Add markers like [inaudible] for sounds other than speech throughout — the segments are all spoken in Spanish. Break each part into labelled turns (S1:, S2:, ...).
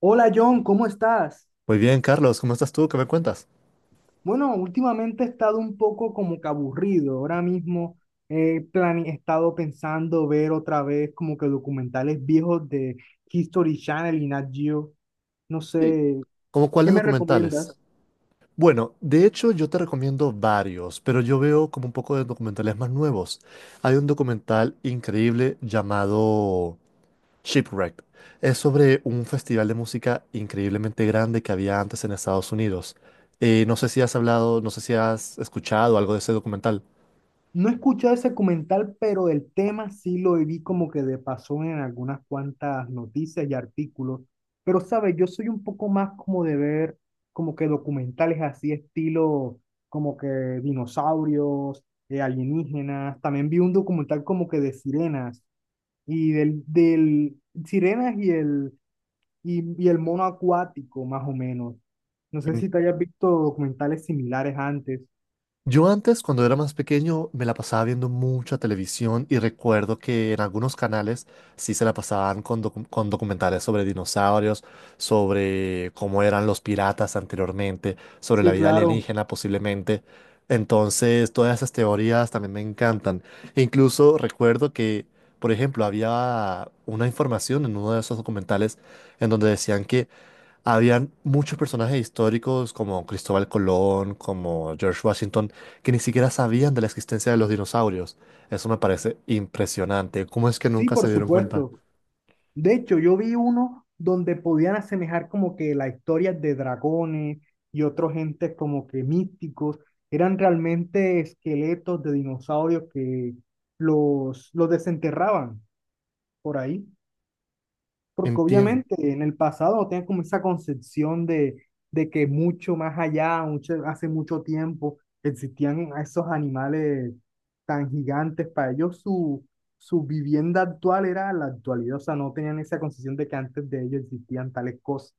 S1: Hola John, ¿cómo estás?
S2: Muy bien, Carlos, ¿cómo estás tú? ¿Qué me cuentas?
S1: Bueno, últimamente he estado un poco como que aburrido. Ahora mismo he estado pensando ver otra vez como que documentales viejos de History Channel y Nat Geo. No
S2: Sí.
S1: sé,
S2: ¿Cómo
S1: ¿qué
S2: cuáles
S1: me
S2: documentales?
S1: recomiendas?
S2: Bueno, de hecho yo te recomiendo varios, pero yo veo como un poco de documentales más nuevos. Hay un documental increíble llamado Shipwrecked. Es sobre un festival de música increíblemente grande que había antes en Estados Unidos. No sé si has hablado, no sé si has escuchado algo de ese documental.
S1: No he escuchado ese documental, pero el tema sí lo vi como que de pasó en algunas cuantas noticias y artículos. Pero, ¿sabes? Yo soy un poco más como de ver como que documentales así, estilo como que dinosaurios, alienígenas. También vi un documental como que de sirenas y del sirenas y el mono acuático, más o menos. No sé si te hayas visto documentales similares antes.
S2: Yo antes, cuando era más pequeño, me la pasaba viendo mucha televisión y recuerdo que en algunos canales sí se la pasaban con, con documentales sobre dinosaurios, sobre cómo eran los piratas anteriormente, sobre la
S1: Sí,
S2: vida
S1: claro.
S2: alienígena posiblemente. Entonces, todas esas teorías también me encantan. E incluso recuerdo que, por ejemplo, había una información en uno de esos documentales en donde decían que habían muchos personajes históricos como Cristóbal Colón, como George Washington, que ni siquiera sabían de la existencia de los dinosaurios. Eso me parece impresionante. ¿Cómo es que
S1: Sí,
S2: nunca se
S1: por
S2: dieron cuenta?
S1: supuesto. De hecho, yo vi uno donde podían asemejar como que la historia de dragones y otros gentes como que místicos. Eran realmente esqueletos de dinosaurios que los desenterraban por ahí. Porque
S2: Entiendo.
S1: obviamente en el pasado no tenían como esa concepción de que mucho más allá, mucho, hace mucho tiempo, existían esos animales tan gigantes. Para ellos su vivienda actual era la actualidad, o sea, no tenían esa concepción de que antes de ellos existían tales cosas.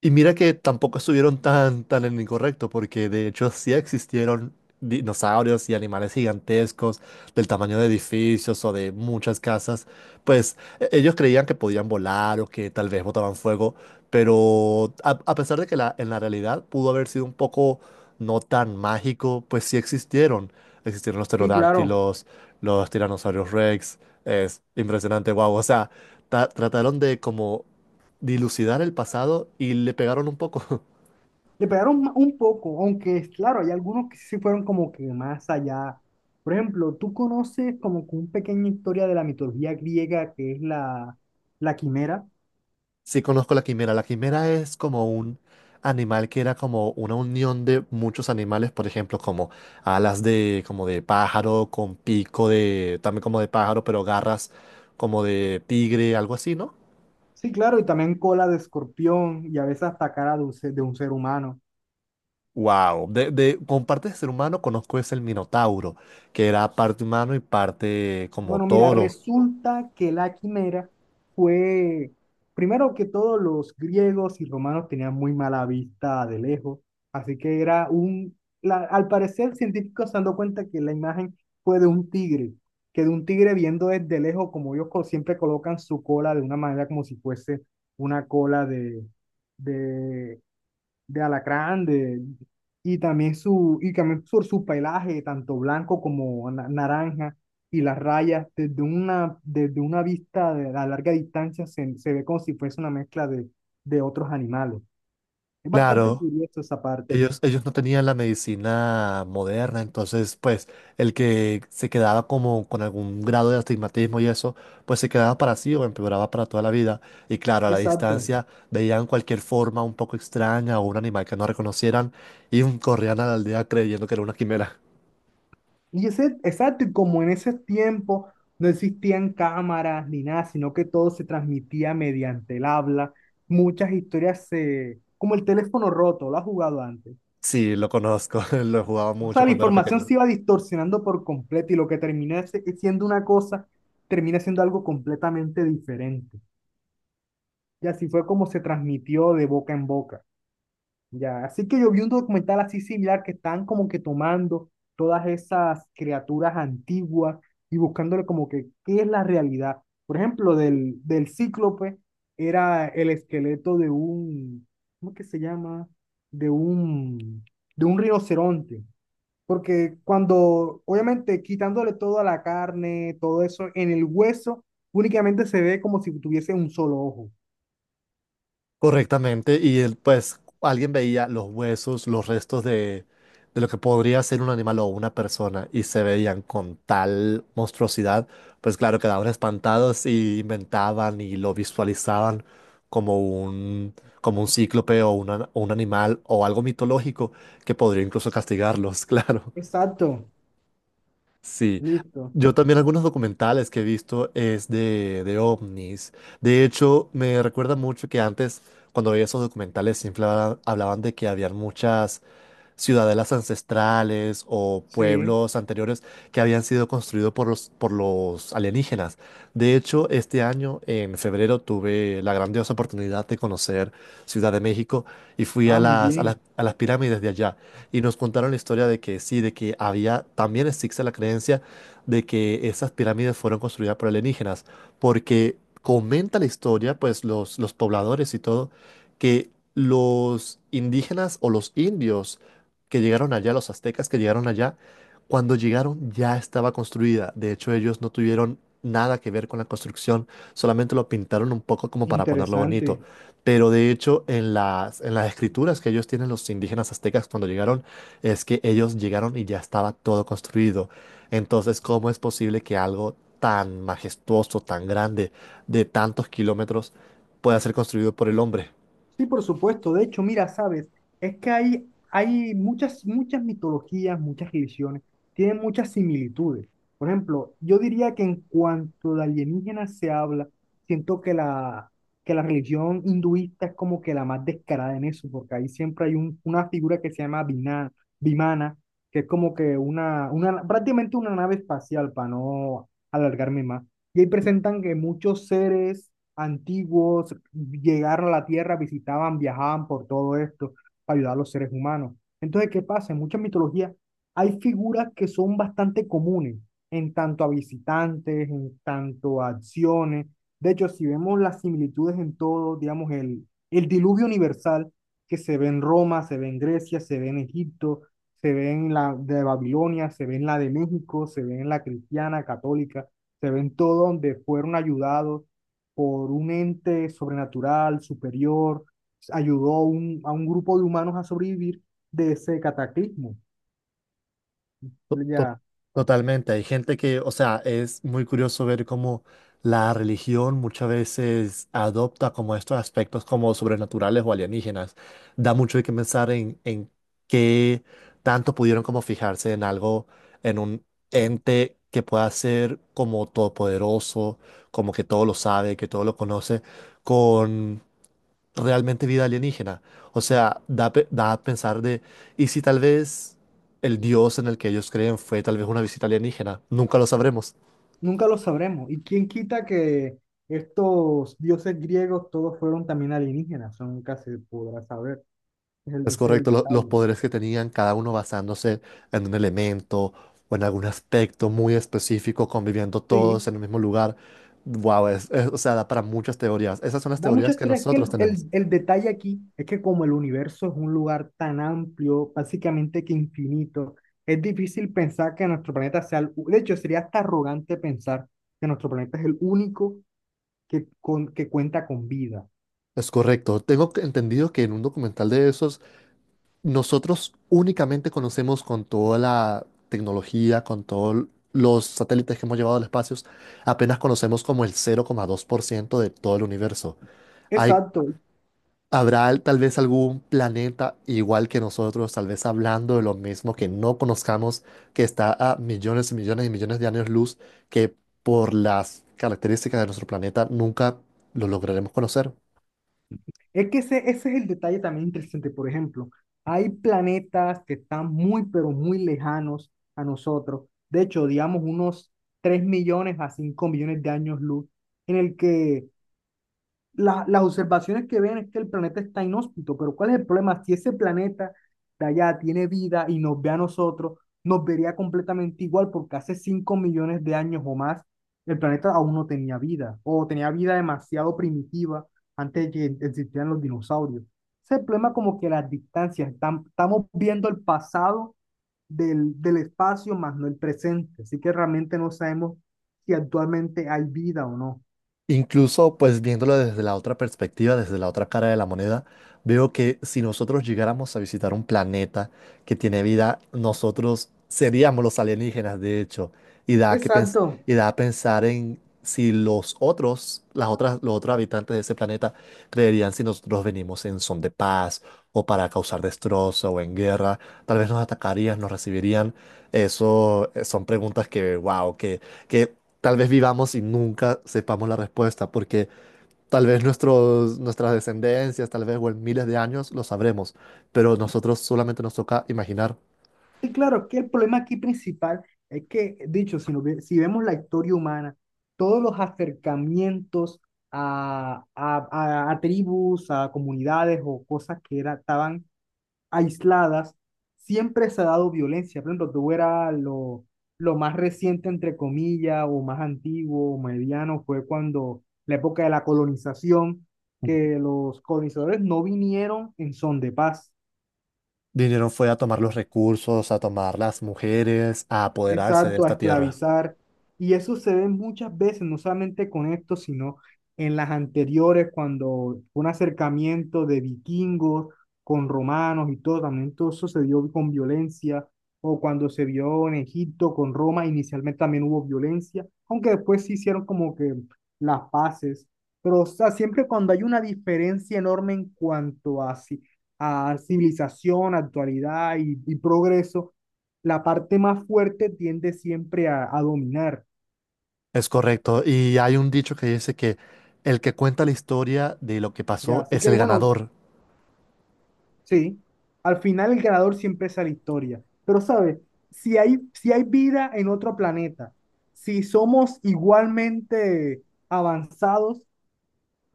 S2: Y mira que tampoco estuvieron tan en lo incorrecto, porque de hecho sí existieron dinosaurios y animales gigantescos del tamaño de edificios o de muchas casas. Pues ellos creían que podían volar o que tal vez botaban fuego, pero a pesar de en la realidad pudo haber sido un poco no tan mágico, pues sí existieron. Existieron los
S1: Sí, claro,
S2: pterodáctilos, los tiranosaurios Rex. Es impresionante, wow. O sea, trataron de como dilucidar el pasado y le pegaron un poco. [laughs]
S1: le pegaron un poco, aunque es claro, hay algunos que sí fueron como que más allá. Por ejemplo, tú conoces como que una pequeña historia de la mitología griega que es la quimera.
S2: Sí conozco la quimera. La quimera es como un animal que era como una unión de muchos animales, por ejemplo, como alas de como de pájaro con pico de también como de pájaro, pero garras como de tigre, algo así, ¿no?
S1: Sí, claro, y también cola de escorpión y a veces hasta cara de un ser humano.
S2: Wow, de con parte de ser humano conozco es el minotauro, que era parte humano y parte como
S1: Bueno, mira,
S2: toro.
S1: resulta que la quimera fue, primero que todo, los griegos y romanos tenían muy mala vista de lejos, así que al parecer científicos se han dado cuenta que la imagen fue de un tigre viendo desde lejos, como ellos siempre colocan su cola de una manera como si fuese una cola de de alacrán, de, y también su, y también por su pelaje, tanto blanco como naranja, y las rayas, desde una vista a larga distancia se ve como si fuese una mezcla de otros animales. Es bastante
S2: Claro,
S1: curioso esa parte.
S2: ellos no tenían la medicina moderna, entonces pues el que se quedaba como con algún grado de astigmatismo y eso, pues se quedaba para sí o empeoraba para toda la vida. Y claro, a la
S1: Exacto.
S2: distancia veían cualquier forma un poco extraña o un animal que no reconocieran y corrían a la aldea creyendo que era una quimera.
S1: Y ese, exacto, y como en ese tiempo no existían cámaras ni nada, sino que todo se transmitía mediante el habla, muchas historias como el teléfono roto, ¿lo has jugado antes?
S2: Sí, lo conozco, [laughs] lo jugaba
S1: O
S2: mucho
S1: sea, la
S2: cuando era
S1: información
S2: pequeño.
S1: se iba distorsionando por completo y lo que termina siendo una cosa, termina siendo algo completamente diferente. Y así fue como se transmitió de boca en boca. Ya, así que yo vi un documental así similar que están como que tomando todas esas criaturas antiguas y buscándole como que qué es la realidad. Por ejemplo, del cíclope era el esqueleto de un, ¿cómo que se llama? De un, de un rinoceronte. Porque cuando, obviamente, quitándole toda la carne, todo eso, en el hueso, únicamente se ve como si tuviese un solo ojo.
S2: Correctamente, y él, pues alguien veía los huesos, los restos de lo que podría ser un animal o una persona y se veían con tal monstruosidad, pues claro, quedaban espantados y inventaban y lo visualizaban como un, como un cíclope o un animal o algo mitológico que podría incluso castigarlos, [laughs] claro.
S1: Exacto.
S2: Sí,
S1: Listo.
S2: yo también algunos documentales que he visto es de ovnis. De hecho, me recuerda mucho que antes, cuando veía esos documentales, siempre hablaban de que habían muchas ciudadelas ancestrales o
S1: Sí.
S2: pueblos anteriores que habían sido construidos por los alienígenas. De hecho, este año, en febrero, tuve la grandiosa oportunidad de conocer Ciudad de México y fui a
S1: Ah, muy bien.
S2: a las pirámides de allá y nos contaron la historia de que sí, de que había, también existe la creencia de que esas pirámides fueron construidas por alienígenas, porque comenta la historia, pues los pobladores y todo, que los indígenas o los indios que llegaron allá, los aztecas que llegaron allá, cuando llegaron ya estaba construida. De hecho, ellos no tuvieron nada que ver con la construcción, solamente lo pintaron un poco como para ponerlo
S1: Interesante.
S2: bonito. Pero de hecho, en en las escrituras que ellos tienen los indígenas aztecas cuando llegaron, es que ellos llegaron y ya estaba todo construido. Entonces, ¿cómo es posible que algo tan majestuoso, tan grande, de tantos kilómetros, pueda ser construido por el hombre?
S1: Sí, por supuesto. De hecho, mira, sabes, es que hay muchas mitologías, muchas religiones, tienen muchas similitudes. Por ejemplo, yo diría que en cuanto de alienígenas se habla, siento que que la religión hinduista es como que la más descarada en eso, porque ahí siempre hay una figura que se llama Vimana, que es como que prácticamente una nave espacial, para no alargarme más. Y ahí presentan que muchos seres antiguos llegaron a la Tierra, visitaban, viajaban por todo esto para ayudar a los seres humanos. Entonces, ¿qué pasa? En muchas mitologías hay figuras que son bastante comunes en tanto a visitantes, en tanto a acciones. De hecho, si vemos las similitudes en todo, digamos, el diluvio universal que se ve en Roma, se ve en Grecia, se ve en Egipto, se ve en la de Babilonia, se ve en la de México, se ve en la cristiana, católica, se ve en todo donde fueron ayudados por un ente sobrenatural, superior, ayudó a un grupo de humanos a sobrevivir de ese cataclismo.
S2: To- to-
S1: Ya,
S2: Totalmente, hay gente que, o sea, es muy curioso ver cómo la religión muchas veces adopta como estos aspectos como sobrenaturales o alienígenas. Da mucho de qué pensar en qué tanto pudieron como fijarse en algo, en un ente que pueda ser como todopoderoso, como que todo lo sabe, que todo lo conoce, realmente vida alienígena. O sea, da a pensar de, ¿y si tal vez el dios en el que ellos creen fue tal vez una visita alienígena? Nunca lo sabremos.
S1: nunca lo sabremos. ¿Y quién quita que estos dioses griegos todos fueron también alienígenas? Eso nunca se podrá saber.
S2: Es
S1: Ese es el
S2: correcto, los
S1: detalle.
S2: poderes que tenían, cada uno basándose en un elemento o en algún aspecto muy específico, conviviendo
S1: Sí.
S2: todos en el mismo lugar. Wow, o sea, da para muchas teorías. Esas son las
S1: Da mucha
S2: teorías que
S1: historia, es que el,
S2: nosotros tenemos.
S1: el- el detalle aquí es que como el universo es un lugar tan amplio, básicamente que infinito, es difícil pensar que nuestro planeta de hecho sería hasta arrogante pensar que nuestro planeta es el único que cuenta con vida.
S2: Es correcto. Entendido que en un documental de esos nosotros únicamente conocemos con toda la tecnología, con todos los satélites que hemos llevado al espacio, apenas conocemos como el 0,2% de todo el universo. Hay,
S1: Exacto,
S2: Habrá tal vez algún planeta igual que nosotros, tal vez hablando de lo mismo que no conozcamos, que está a millones y millones y millones de años luz, que por las características de nuestro planeta nunca lo lograremos conocer.
S1: es que ese es el detalle también interesante. Por ejemplo, hay planetas que están muy, pero muy lejanos a nosotros, de hecho, digamos unos 3 millones a 5 millones de años luz, en el que las observaciones que ven es que el planeta está inhóspito, pero ¿cuál es el problema? Si ese planeta de allá tiene vida y nos ve a nosotros, nos vería completamente igual porque hace 5 millones de años o más el planeta aún no tenía vida o tenía vida demasiado primitiva antes de que existieran los dinosaurios. Ese es el problema como que las distancias, estamos viendo el pasado del espacio más no el presente, así que realmente no sabemos si actualmente hay vida o no.
S2: Incluso, pues viéndolo desde la otra perspectiva, desde la otra cara de la moneda, veo que si nosotros llegáramos a visitar un planeta que tiene vida, nosotros seríamos los alienígenas, de hecho, y
S1: Exacto.
S2: y da a pensar en si los otros, las otras, los otros habitantes de ese planeta creerían si nosotros venimos en son de paz o para causar destrozo o en guerra, tal vez nos atacarían, nos recibirían. Eso son preguntas que, wow, que tal vez vivamos y nunca sepamos la respuesta, porque tal vez nuestras descendencias, tal vez o en miles de años lo sabremos, pero nosotros solamente nos toca imaginar.
S1: Sí, claro, es que el problema aquí principal es que, dicho, si vemos la historia humana, todos los acercamientos a tribus, a comunidades o cosas estaban aisladas, siempre se ha dado violencia. Por ejemplo, tú era lo más reciente, entre comillas, o más antiguo, o mediano, fue cuando la época de la colonización, que los colonizadores no vinieron en son de paz.
S2: Vinieron fue a tomar los recursos, a tomar las mujeres, a apoderarse de
S1: Exacto, a
S2: esta tierra.
S1: esclavizar. Y eso se ve muchas veces, no solamente con esto, sino en las anteriores, cuando fue un acercamiento de vikingos con romanos y todo, también todo eso se dio con violencia, o cuando se vio en Egipto con Roma, inicialmente también hubo violencia, aunque después se hicieron como que las paces. Pero, o sea, siempre cuando hay una diferencia enorme en cuanto a civilización, actualidad y progreso, la parte más fuerte tiende siempre a dominar,
S2: Es correcto. Y hay un dicho que dice que el que cuenta la historia de lo que
S1: ¿ya?
S2: pasó
S1: Así
S2: es
S1: que
S2: el
S1: bueno,
S2: ganador.
S1: sí, al final el ganador siempre es la historia, pero ¿sabes? Si si hay vida en otro planeta, si somos igualmente avanzados,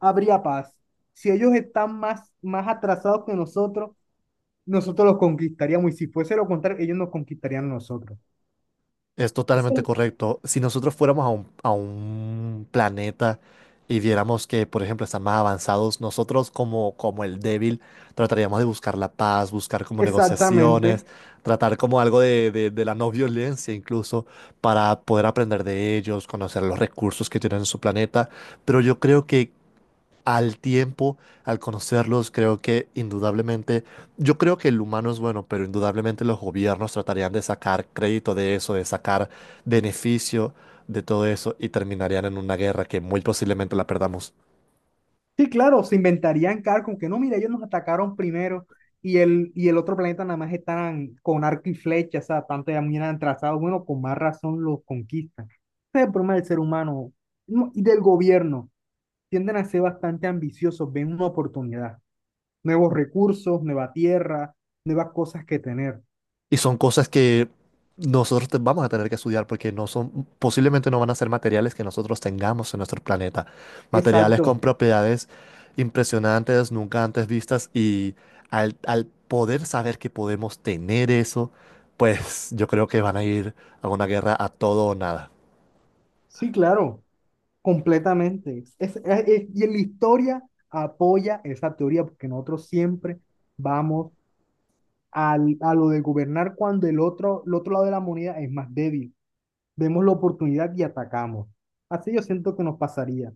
S1: habría paz. Si ellos están más atrasados que nosotros los conquistaríamos y si fuese lo contrario, ellos nos conquistarían a nosotros.
S2: Es
S1: Es-
S2: totalmente correcto. Si nosotros fuéramos a a un planeta y viéramos que, por ejemplo, están más avanzados, nosotros como el débil trataríamos de buscar la paz, buscar como negociaciones,
S1: Exactamente.
S2: tratar como algo de la no violencia incluso, para poder aprender de ellos, conocer los recursos que tienen en su planeta. Pero yo creo que al tiempo, al conocerlos, creo que indudablemente, yo creo que el humano es bueno, pero indudablemente los gobiernos tratarían de sacar crédito de eso, de sacar beneficio de todo eso y terminarían en una guerra que muy posiblemente la perdamos.
S1: Sí, claro, se inventarían carros como que no, mira, ellos nos atacaron primero y el otro planeta nada más están con arco y flecha, o sea, tanto ya miran trazados, bueno, con más razón los conquistan. Ese es el problema del ser humano no, y del gobierno. Tienden a ser bastante ambiciosos, ven una oportunidad, nuevos recursos, nueva tierra, nuevas cosas que tener.
S2: Y son cosas que nosotros vamos a tener que estudiar porque no son, posiblemente no van a ser materiales que nosotros tengamos en nuestro planeta. Materiales
S1: Exacto,
S2: con propiedades impresionantes, nunca antes vistas y al poder saber que podemos tener eso, pues yo creo que van a ir a una guerra a todo o nada.
S1: sí, claro, completamente. Y en la historia apoya esa teoría porque nosotros siempre vamos a lo de gobernar cuando el otro lado de la moneda es más débil. Vemos la oportunidad y atacamos. Así yo siento que nos pasaría.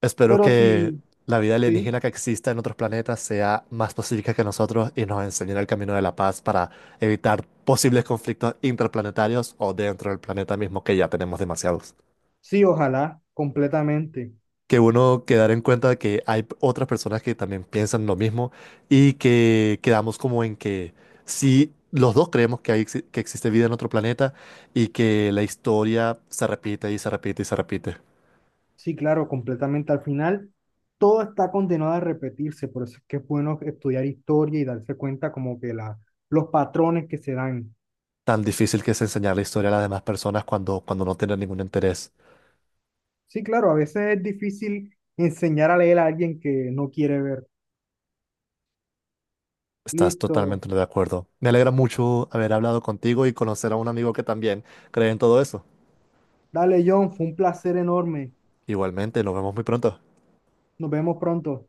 S2: Espero
S1: Pero
S2: que
S1: sí,
S2: la vida
S1: sí,
S2: alienígena que exista en otros planetas sea más pacífica que nosotros y nos enseñen el camino de la paz para evitar posibles conflictos interplanetarios o dentro del planeta mismo, que ya tenemos demasiados.
S1: sí, ojalá, completamente.
S2: Que uno quedar en cuenta de que hay otras personas que también piensan lo mismo y que quedamos como en que si los dos creemos que, hay, que existe vida en otro planeta y que la historia se repite y se repite y se repite.
S1: Sí, claro, completamente. Al final, todo está condenado a repetirse. Por eso es que es bueno estudiar historia y darse cuenta como que los patrones que se dan.
S2: Tan difícil que es enseñar la historia a las demás personas cuando no tienen ningún interés.
S1: Sí, claro, a veces es difícil enseñar a leer a alguien que no quiere ver.
S2: Estás
S1: Listo.
S2: totalmente de acuerdo. Me alegra mucho haber hablado contigo y conocer a un amigo que también cree en todo eso.
S1: Dale, John, fue un placer enorme.
S2: Igualmente, nos vemos muy pronto.
S1: Nos vemos pronto.